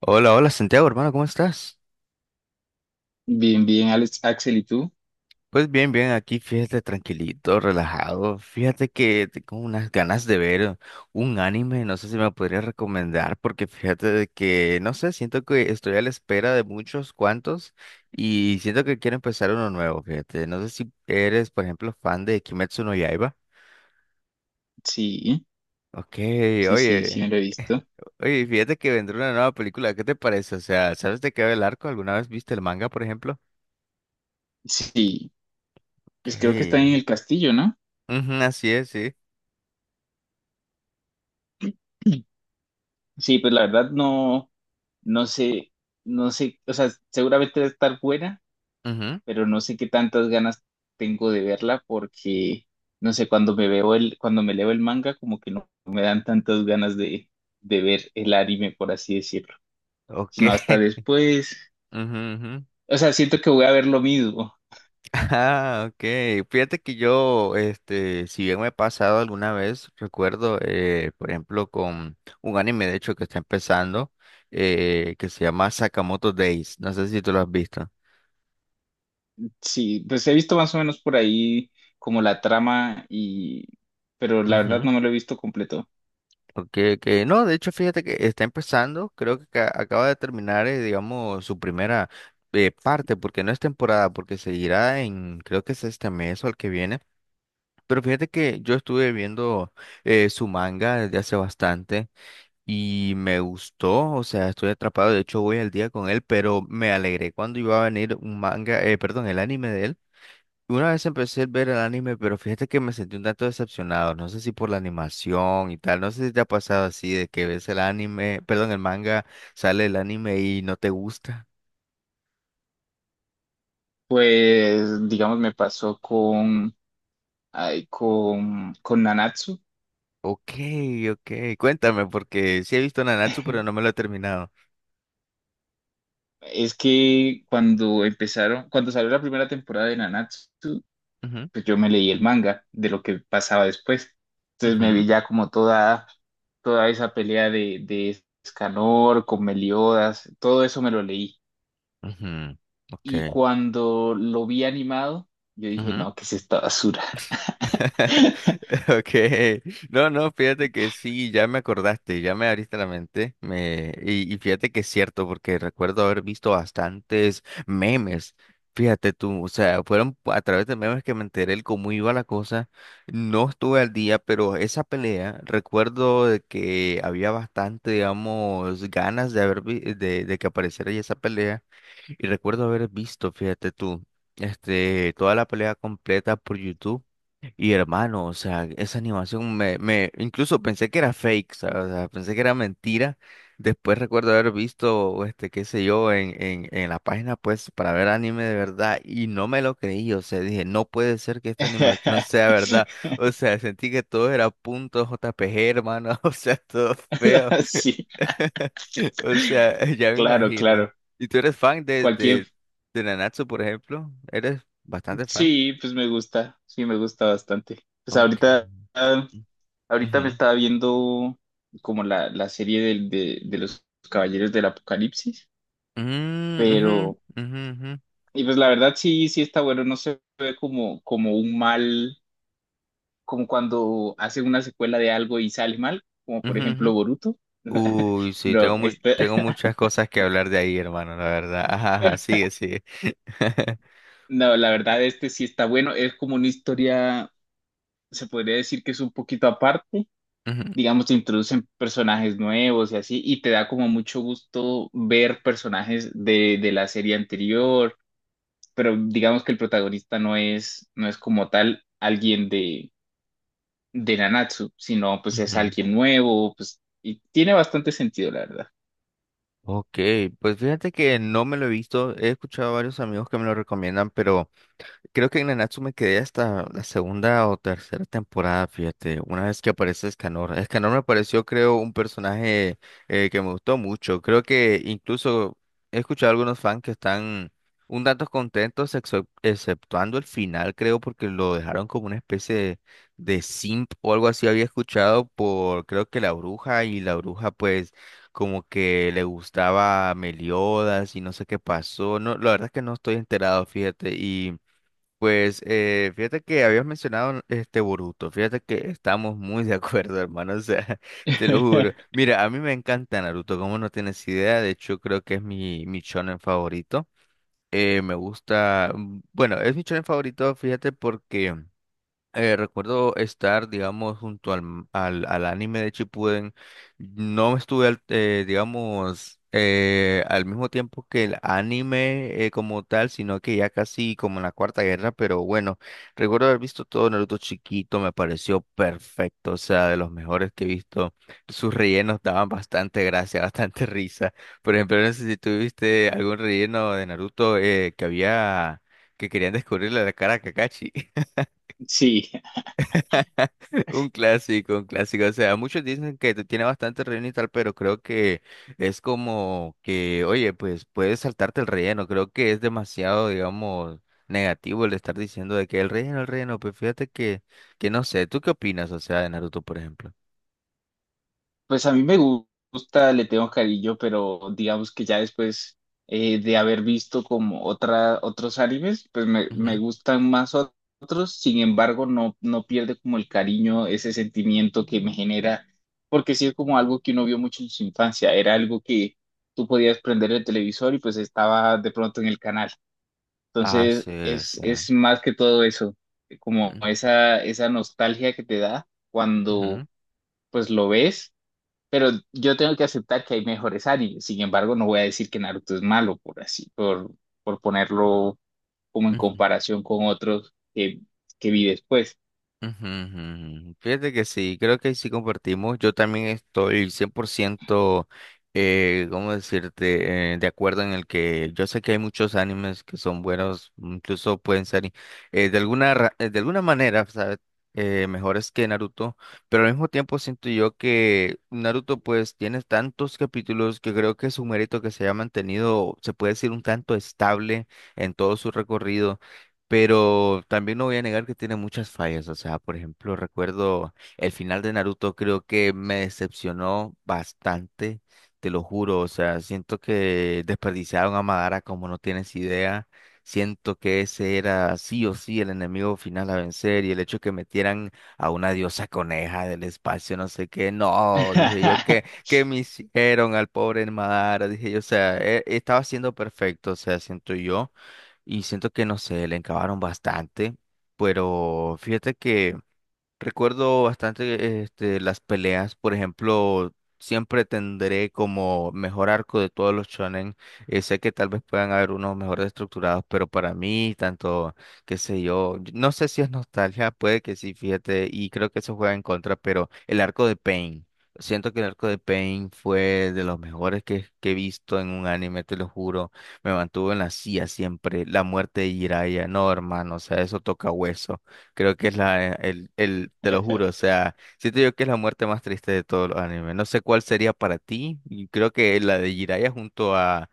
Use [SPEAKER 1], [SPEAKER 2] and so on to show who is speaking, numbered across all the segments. [SPEAKER 1] Hola, hola Santiago, hermano, ¿cómo estás?
[SPEAKER 2] Bien, bien, Alex, Axel, ¿y tú?
[SPEAKER 1] Pues bien, bien, aquí fíjate tranquilito, relajado. Fíjate que tengo unas ganas de ver un anime, no sé si me podrías recomendar, porque fíjate de que, no sé, siento que estoy a la espera de muchos cuantos y siento que quiero empezar uno nuevo, fíjate. No sé si eres, por ejemplo, fan de Kimetsu no Yaiba.
[SPEAKER 2] Sí,
[SPEAKER 1] Ok,
[SPEAKER 2] sí, sí, sí,
[SPEAKER 1] oye,
[SPEAKER 2] me lo he visto.
[SPEAKER 1] oye, fíjate que vendrá una nueva película, ¿qué te parece? O sea, ¿sabes de qué va el arco? ¿Alguna vez viste el manga, por ejemplo?
[SPEAKER 2] Sí,
[SPEAKER 1] Ok.
[SPEAKER 2] pues creo que está en el castillo, ¿no?
[SPEAKER 1] Ujú, así es, sí.
[SPEAKER 2] Sí, pues la verdad no, no sé, no sé, o sea, seguramente debe estar buena,
[SPEAKER 1] Ujú,
[SPEAKER 2] pero no sé qué tantas ganas tengo de verla porque, no sé, cuando me leo el manga, como que no me dan tantas ganas de ver el anime, por así decirlo,
[SPEAKER 1] ok.
[SPEAKER 2] sino hasta después.
[SPEAKER 1] Ujú, ujú.
[SPEAKER 2] O sea, siento que voy a ver lo mismo.
[SPEAKER 1] Ah, ok. Fíjate que yo, si bien me ha pasado alguna vez, recuerdo, por ejemplo, con un anime, de hecho, que está empezando, que se llama Sakamoto Days. No sé si tú lo has visto.
[SPEAKER 2] Sí, pues he visto más o menos por ahí como la trama, y, pero la verdad
[SPEAKER 1] Ujú.
[SPEAKER 2] no me lo he visto completo.
[SPEAKER 1] Okay, que no, de hecho, fíjate que está empezando, creo que acaba de terminar, digamos, su primera parte, porque no es temporada, porque seguirá en, creo que es este mes o el que viene. Pero fíjate que yo estuve viendo su manga desde hace bastante y me gustó, o sea, estoy atrapado, de hecho voy al día con él, pero me alegré cuando iba a venir un manga, perdón, el anime de él. Y una vez empecé a ver el anime, pero fíjate que me sentí un tanto decepcionado, no sé si por la animación y tal, no sé si te ha pasado así de que ves el anime, perdón, el manga, sale el anime y no te gusta.
[SPEAKER 2] Pues, digamos, me pasó con Nanatsu.
[SPEAKER 1] Ok, ok, cuéntame, porque sí he visto Nanatsu, pero no me lo he terminado.
[SPEAKER 2] Es que cuando salió la primera temporada de Nanatsu,
[SPEAKER 1] Ujú,
[SPEAKER 2] pues yo me leí el manga de lo que pasaba después. Entonces me
[SPEAKER 1] ujú.
[SPEAKER 2] vi ya toda esa pelea de Escanor con Meliodas, todo eso me lo leí.
[SPEAKER 1] Ujú, ok.
[SPEAKER 2] Y cuando lo vi animado, yo dije,
[SPEAKER 1] Ujú.
[SPEAKER 2] no, ¿qué es esta basura?
[SPEAKER 1] Okay, no, no, fíjate que sí, ya me acordaste, ya me abriste la mente, me y fíjate que es cierto porque recuerdo haber visto bastantes memes, fíjate tú, o sea, fueron a través de memes que me enteré el cómo iba la cosa, no estuve al día, pero esa pelea recuerdo de que había bastante, digamos, ganas de haber de que apareciera ya esa pelea. Y recuerdo haber visto, fíjate tú, toda la pelea completa por YouTube. Y hermano, o sea, esa animación me, me, incluso pensé que era fake, ¿sabes? O sea, pensé que era mentira. Después recuerdo haber visto, qué sé yo, en la página, pues, para ver anime de verdad. Y no me lo creí, o sea, dije, no puede ser que esta animación sea verdad. O sea, sentí que todo era punto JPG, hermano, o sea, todo feo.
[SPEAKER 2] Sí,
[SPEAKER 1] O sea, ya me
[SPEAKER 2] claro,
[SPEAKER 1] imagino.
[SPEAKER 2] claro.
[SPEAKER 1] ¿Y tú eres fan de, de,
[SPEAKER 2] Cualquier,
[SPEAKER 1] de Nanatsu, por ejemplo? ¿Eres bastante fan?
[SPEAKER 2] sí, pues me gusta, sí, me gusta bastante. Pues
[SPEAKER 1] Ok.
[SPEAKER 2] ahorita, ah, ahorita me
[SPEAKER 1] Ujú.
[SPEAKER 2] estaba viendo como la serie de los Caballeros del Apocalipsis,
[SPEAKER 1] Mm, ujú,
[SPEAKER 2] pero
[SPEAKER 1] ujú, ujú,
[SPEAKER 2] y pues la verdad sí, sí está bueno, no se ve como, como un mal, como cuando hacen una secuela de algo y sale mal, como por
[SPEAKER 1] ujú,
[SPEAKER 2] ejemplo
[SPEAKER 1] ujú.
[SPEAKER 2] Boruto.
[SPEAKER 1] Uy, sí,
[SPEAKER 2] No,
[SPEAKER 1] tengo mu-
[SPEAKER 2] este,
[SPEAKER 1] tengo muchas cosas que hablar de ahí, hermano, la verdad. Ajá, ajá, sigue, sigue.
[SPEAKER 2] no, la verdad, este sí está bueno. Es como una historia, se podría decir que es un poquito aparte.
[SPEAKER 1] Ujú,
[SPEAKER 2] Digamos, te introducen personajes nuevos y así, y te da como mucho gusto ver personajes de la serie anterior, pero digamos que el protagonista no es como tal de Nanatsu, sino pues
[SPEAKER 1] ujú.
[SPEAKER 2] es alguien nuevo, pues, y tiene bastante sentido, la verdad.
[SPEAKER 1] Ok, pues fíjate que no me lo he visto. He escuchado a varios amigos que me lo recomiendan, pero creo que en Nanatsu me quedé hasta la segunda o tercera temporada, fíjate, una vez que aparece Escanor. Escanor me pareció, creo, un personaje que me gustó mucho. Creo que incluso he escuchado a algunos fans que están un tanto contentos, exceptuando el final, creo, porque lo dejaron como una especie de, simp o algo así. Había escuchado por, creo que la bruja, y la bruja, pues, como que le gustaba a Meliodas y no sé qué pasó. No, la verdad es que no estoy enterado, fíjate, y. Pues fíjate que habías mencionado este Boruto, fíjate que estamos muy de acuerdo, hermano, o sea, te lo juro. Mira, a mí me encanta Naruto, como no tienes idea, de hecho creo que es mi shonen favorito. Me gusta, bueno, es mi shonen favorito, fíjate porque recuerdo estar, digamos, junto al anime de Shippuden. No estuve, digamos, al mismo tiempo que el anime como tal, sino que ya casi como en la Cuarta Guerra, pero bueno, recuerdo haber visto todo Naruto chiquito, me pareció perfecto, o sea, de los mejores que he visto. Sus rellenos daban bastante gracia, bastante risa. Por ejemplo, no sé si tuviste algún relleno de Naruto que había, que querían descubrirle la cara a Kakashi.
[SPEAKER 2] Sí,
[SPEAKER 1] Un clásico, un clásico. O sea, muchos dicen que tiene bastante relleno y tal, pero creo que es como que, oye, pues puedes saltarte el relleno. Creo que es demasiado, digamos, negativo el estar diciendo de que el relleno, el relleno. Pues fíjate que, no sé. ¿Tú qué opinas, o sea, de Naruto, por ejemplo?
[SPEAKER 2] pues a mí me gusta, le tengo cariño, pero digamos que ya después, de haber visto como otros animes, pues me
[SPEAKER 1] Ujú.
[SPEAKER 2] gustan más otros. Sin embargo no, no pierde como el cariño, ese sentimiento que me genera, porque sí es como algo que uno vio mucho en su infancia. Era algo que tú podías prender el televisor y pues estaba de pronto en el canal.
[SPEAKER 1] Ah, sí, o sea.
[SPEAKER 2] Es más que todo eso, como
[SPEAKER 1] Ujú,
[SPEAKER 2] esa nostalgia que te da cuando
[SPEAKER 1] ujú,
[SPEAKER 2] pues lo ves. Pero yo tengo que aceptar que hay mejores animes. Sin embargo, no voy a decir que Naruto es malo por por ponerlo como en
[SPEAKER 1] ujú.
[SPEAKER 2] comparación con otros que vi después.
[SPEAKER 1] Ujú, ujú. Ujú. Fíjate que sí, creo que sí compartimos. Yo también estoy 100%, ¿cómo decirte?, de acuerdo en el que yo sé que hay muchos animes que son buenos, incluso pueden ser de alguna manera, ¿sabes? Mejores que Naruto, pero al mismo tiempo siento yo que Naruto pues tiene tantos capítulos que creo que es un mérito que se haya mantenido, se puede decir un tanto estable en todo su recorrido. Pero también no voy a negar que tiene muchas fallas. O sea, por ejemplo, recuerdo el final de Naruto, creo que me decepcionó bastante, te lo juro. O sea, siento que desperdiciaron a Madara como no tienes idea. Siento que ese era sí o sí el enemigo final a vencer y el hecho que metieran a una diosa coneja del espacio, no sé qué, no, dije yo que, me hicieron al pobre Madara, dije yo, o sea, estaba siendo perfecto, o sea, siento yo y siento que, no sé, le encabaron bastante, pero fíjate que... Recuerdo bastante las peleas, por ejemplo, siempre tendré como mejor arco de todos los shonen. Sé que tal vez puedan haber unos mejores estructurados, pero para mí, tanto, qué sé yo, yo no sé si es nostalgia, puede que sí, fíjate, y creo que eso juega en contra, pero el arco de Pain. Siento que el arco de Pain fue de los mejores que he visto en un anime, te lo juro. Me mantuvo en la silla siempre. La muerte de Jiraiya, no, hermano, o sea, eso toca hueso. Creo que es te lo juro, o sea, siento yo que es la muerte más triste de todos los animes. No sé cuál sería para ti, y creo que la de Jiraiya junto a,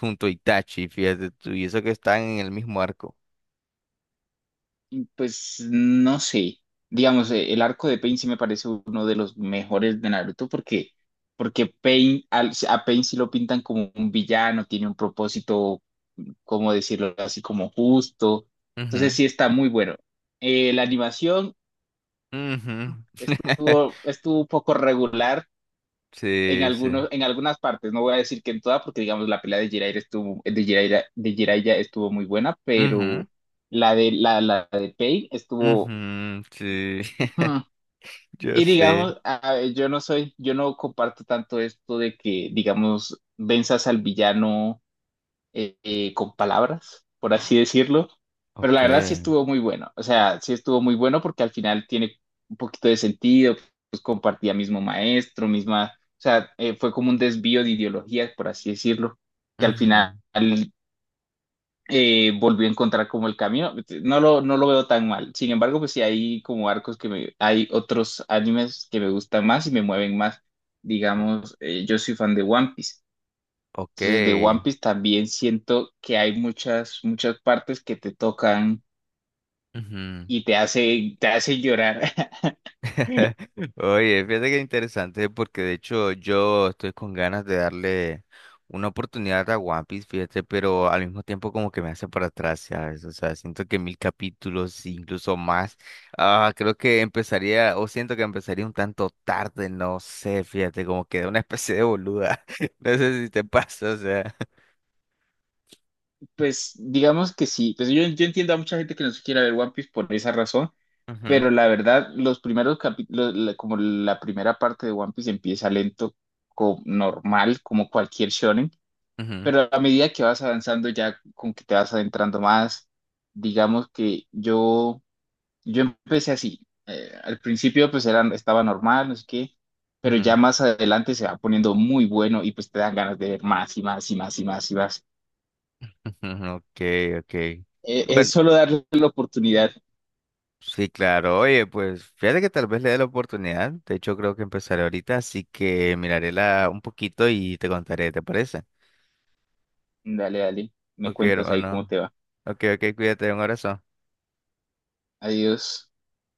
[SPEAKER 1] junto a Itachi, fíjate tú, y eso que están en el mismo arco.
[SPEAKER 2] Pues no sé. Digamos, el arco de Pain sí me parece uno de los mejores de Naruto, porque, porque Pain, al- a Pain sí lo pintan como un villano, tiene un propósito, ¿cómo decirlo así? Como justo. Entonces
[SPEAKER 1] Ujú,
[SPEAKER 2] sí está muy bueno. La animación
[SPEAKER 1] ujú.
[SPEAKER 2] estuvo, estuvo un poco regular en
[SPEAKER 1] Sí, sí.
[SPEAKER 2] algunos, en algunas partes. No voy a decir que en todas, porque digamos la pelea de Jiraiya estuvo, de Jiraiya estuvo muy buena,
[SPEAKER 1] Ujú,
[SPEAKER 2] pero la de Pei estuvo...
[SPEAKER 1] ujú, sí,
[SPEAKER 2] hmm,
[SPEAKER 1] yo
[SPEAKER 2] y
[SPEAKER 1] sé.
[SPEAKER 2] digamos, a- yo no comparto tanto esto de que, digamos, venzas al villano, con palabras, por así decirlo. Pero la verdad sí
[SPEAKER 1] Okay.
[SPEAKER 2] estuvo muy bueno. O sea, sí estuvo muy bueno porque al final tiene un poquito de sentido. Pues compartía mismo maestro, misma. O sea, fue como un desvío de ideologías, por así decirlo, que al final,
[SPEAKER 1] ujú,
[SPEAKER 2] volvió a encontrar como el camino. No lo veo tan mal. Sin embargo, pues sí hay como arcos que me. Hay otros animes que me gustan más y me mueven más.
[SPEAKER 1] o-
[SPEAKER 2] Digamos, yo soy fan de One Piece. Entonces, de One
[SPEAKER 1] Okay.
[SPEAKER 2] Piece también siento que hay muchas, muchas partes que te tocan
[SPEAKER 1] ujú.
[SPEAKER 2] y te hace llorar.
[SPEAKER 1] Oye, fíjate que interesante porque de hecho yo estoy con ganas de darle una oportunidad a One Piece, fíjate, pero al mismo tiempo como que me hace para atrás, ¿sabes? O sea, siento que mil capítulos, incluso más, creo que empezaría, o siento que empezaría un tanto tarde, no sé, fíjate, como que de una especie de boluda, no sé si te pasa, o sea.
[SPEAKER 2] Pues digamos que sí, pues yo entiendo a mucha gente que no se quiera ver One Piece por esa razón,
[SPEAKER 1] Ujú,
[SPEAKER 2] pero la verdad, los primeros capítulos, como la primera parte de One Piece empieza lento, co- normal, como cualquier shonen,
[SPEAKER 1] ujú,
[SPEAKER 2] pero a medida que vas avanzando, ya con que te vas adentrando más, digamos que yo... Yo empecé así. Eh, al principio pues era, estaba normal, no sé qué, pero ya
[SPEAKER 1] ujú,
[SPEAKER 2] más adelante se va poniendo muy bueno y pues te dan ganas de ver más y más y más y más y más.
[SPEAKER 1] ujú, ok, ok.
[SPEAKER 2] Es
[SPEAKER 1] Bueno,
[SPEAKER 2] solo darle la oportunidad.
[SPEAKER 1] sí, claro. Oye, pues fíjate que tal vez le dé la oportunidad. De hecho, creo que empezaré ahorita, así que miraré la un poquito y te contaré, ¿te parece?
[SPEAKER 2] Dale, dale, me
[SPEAKER 1] Ok,
[SPEAKER 2] cuentas ahí cómo
[SPEAKER 1] hermano.
[SPEAKER 2] te va.
[SPEAKER 1] Ok, ok, cuídate, un abrazo.
[SPEAKER 2] Adiós.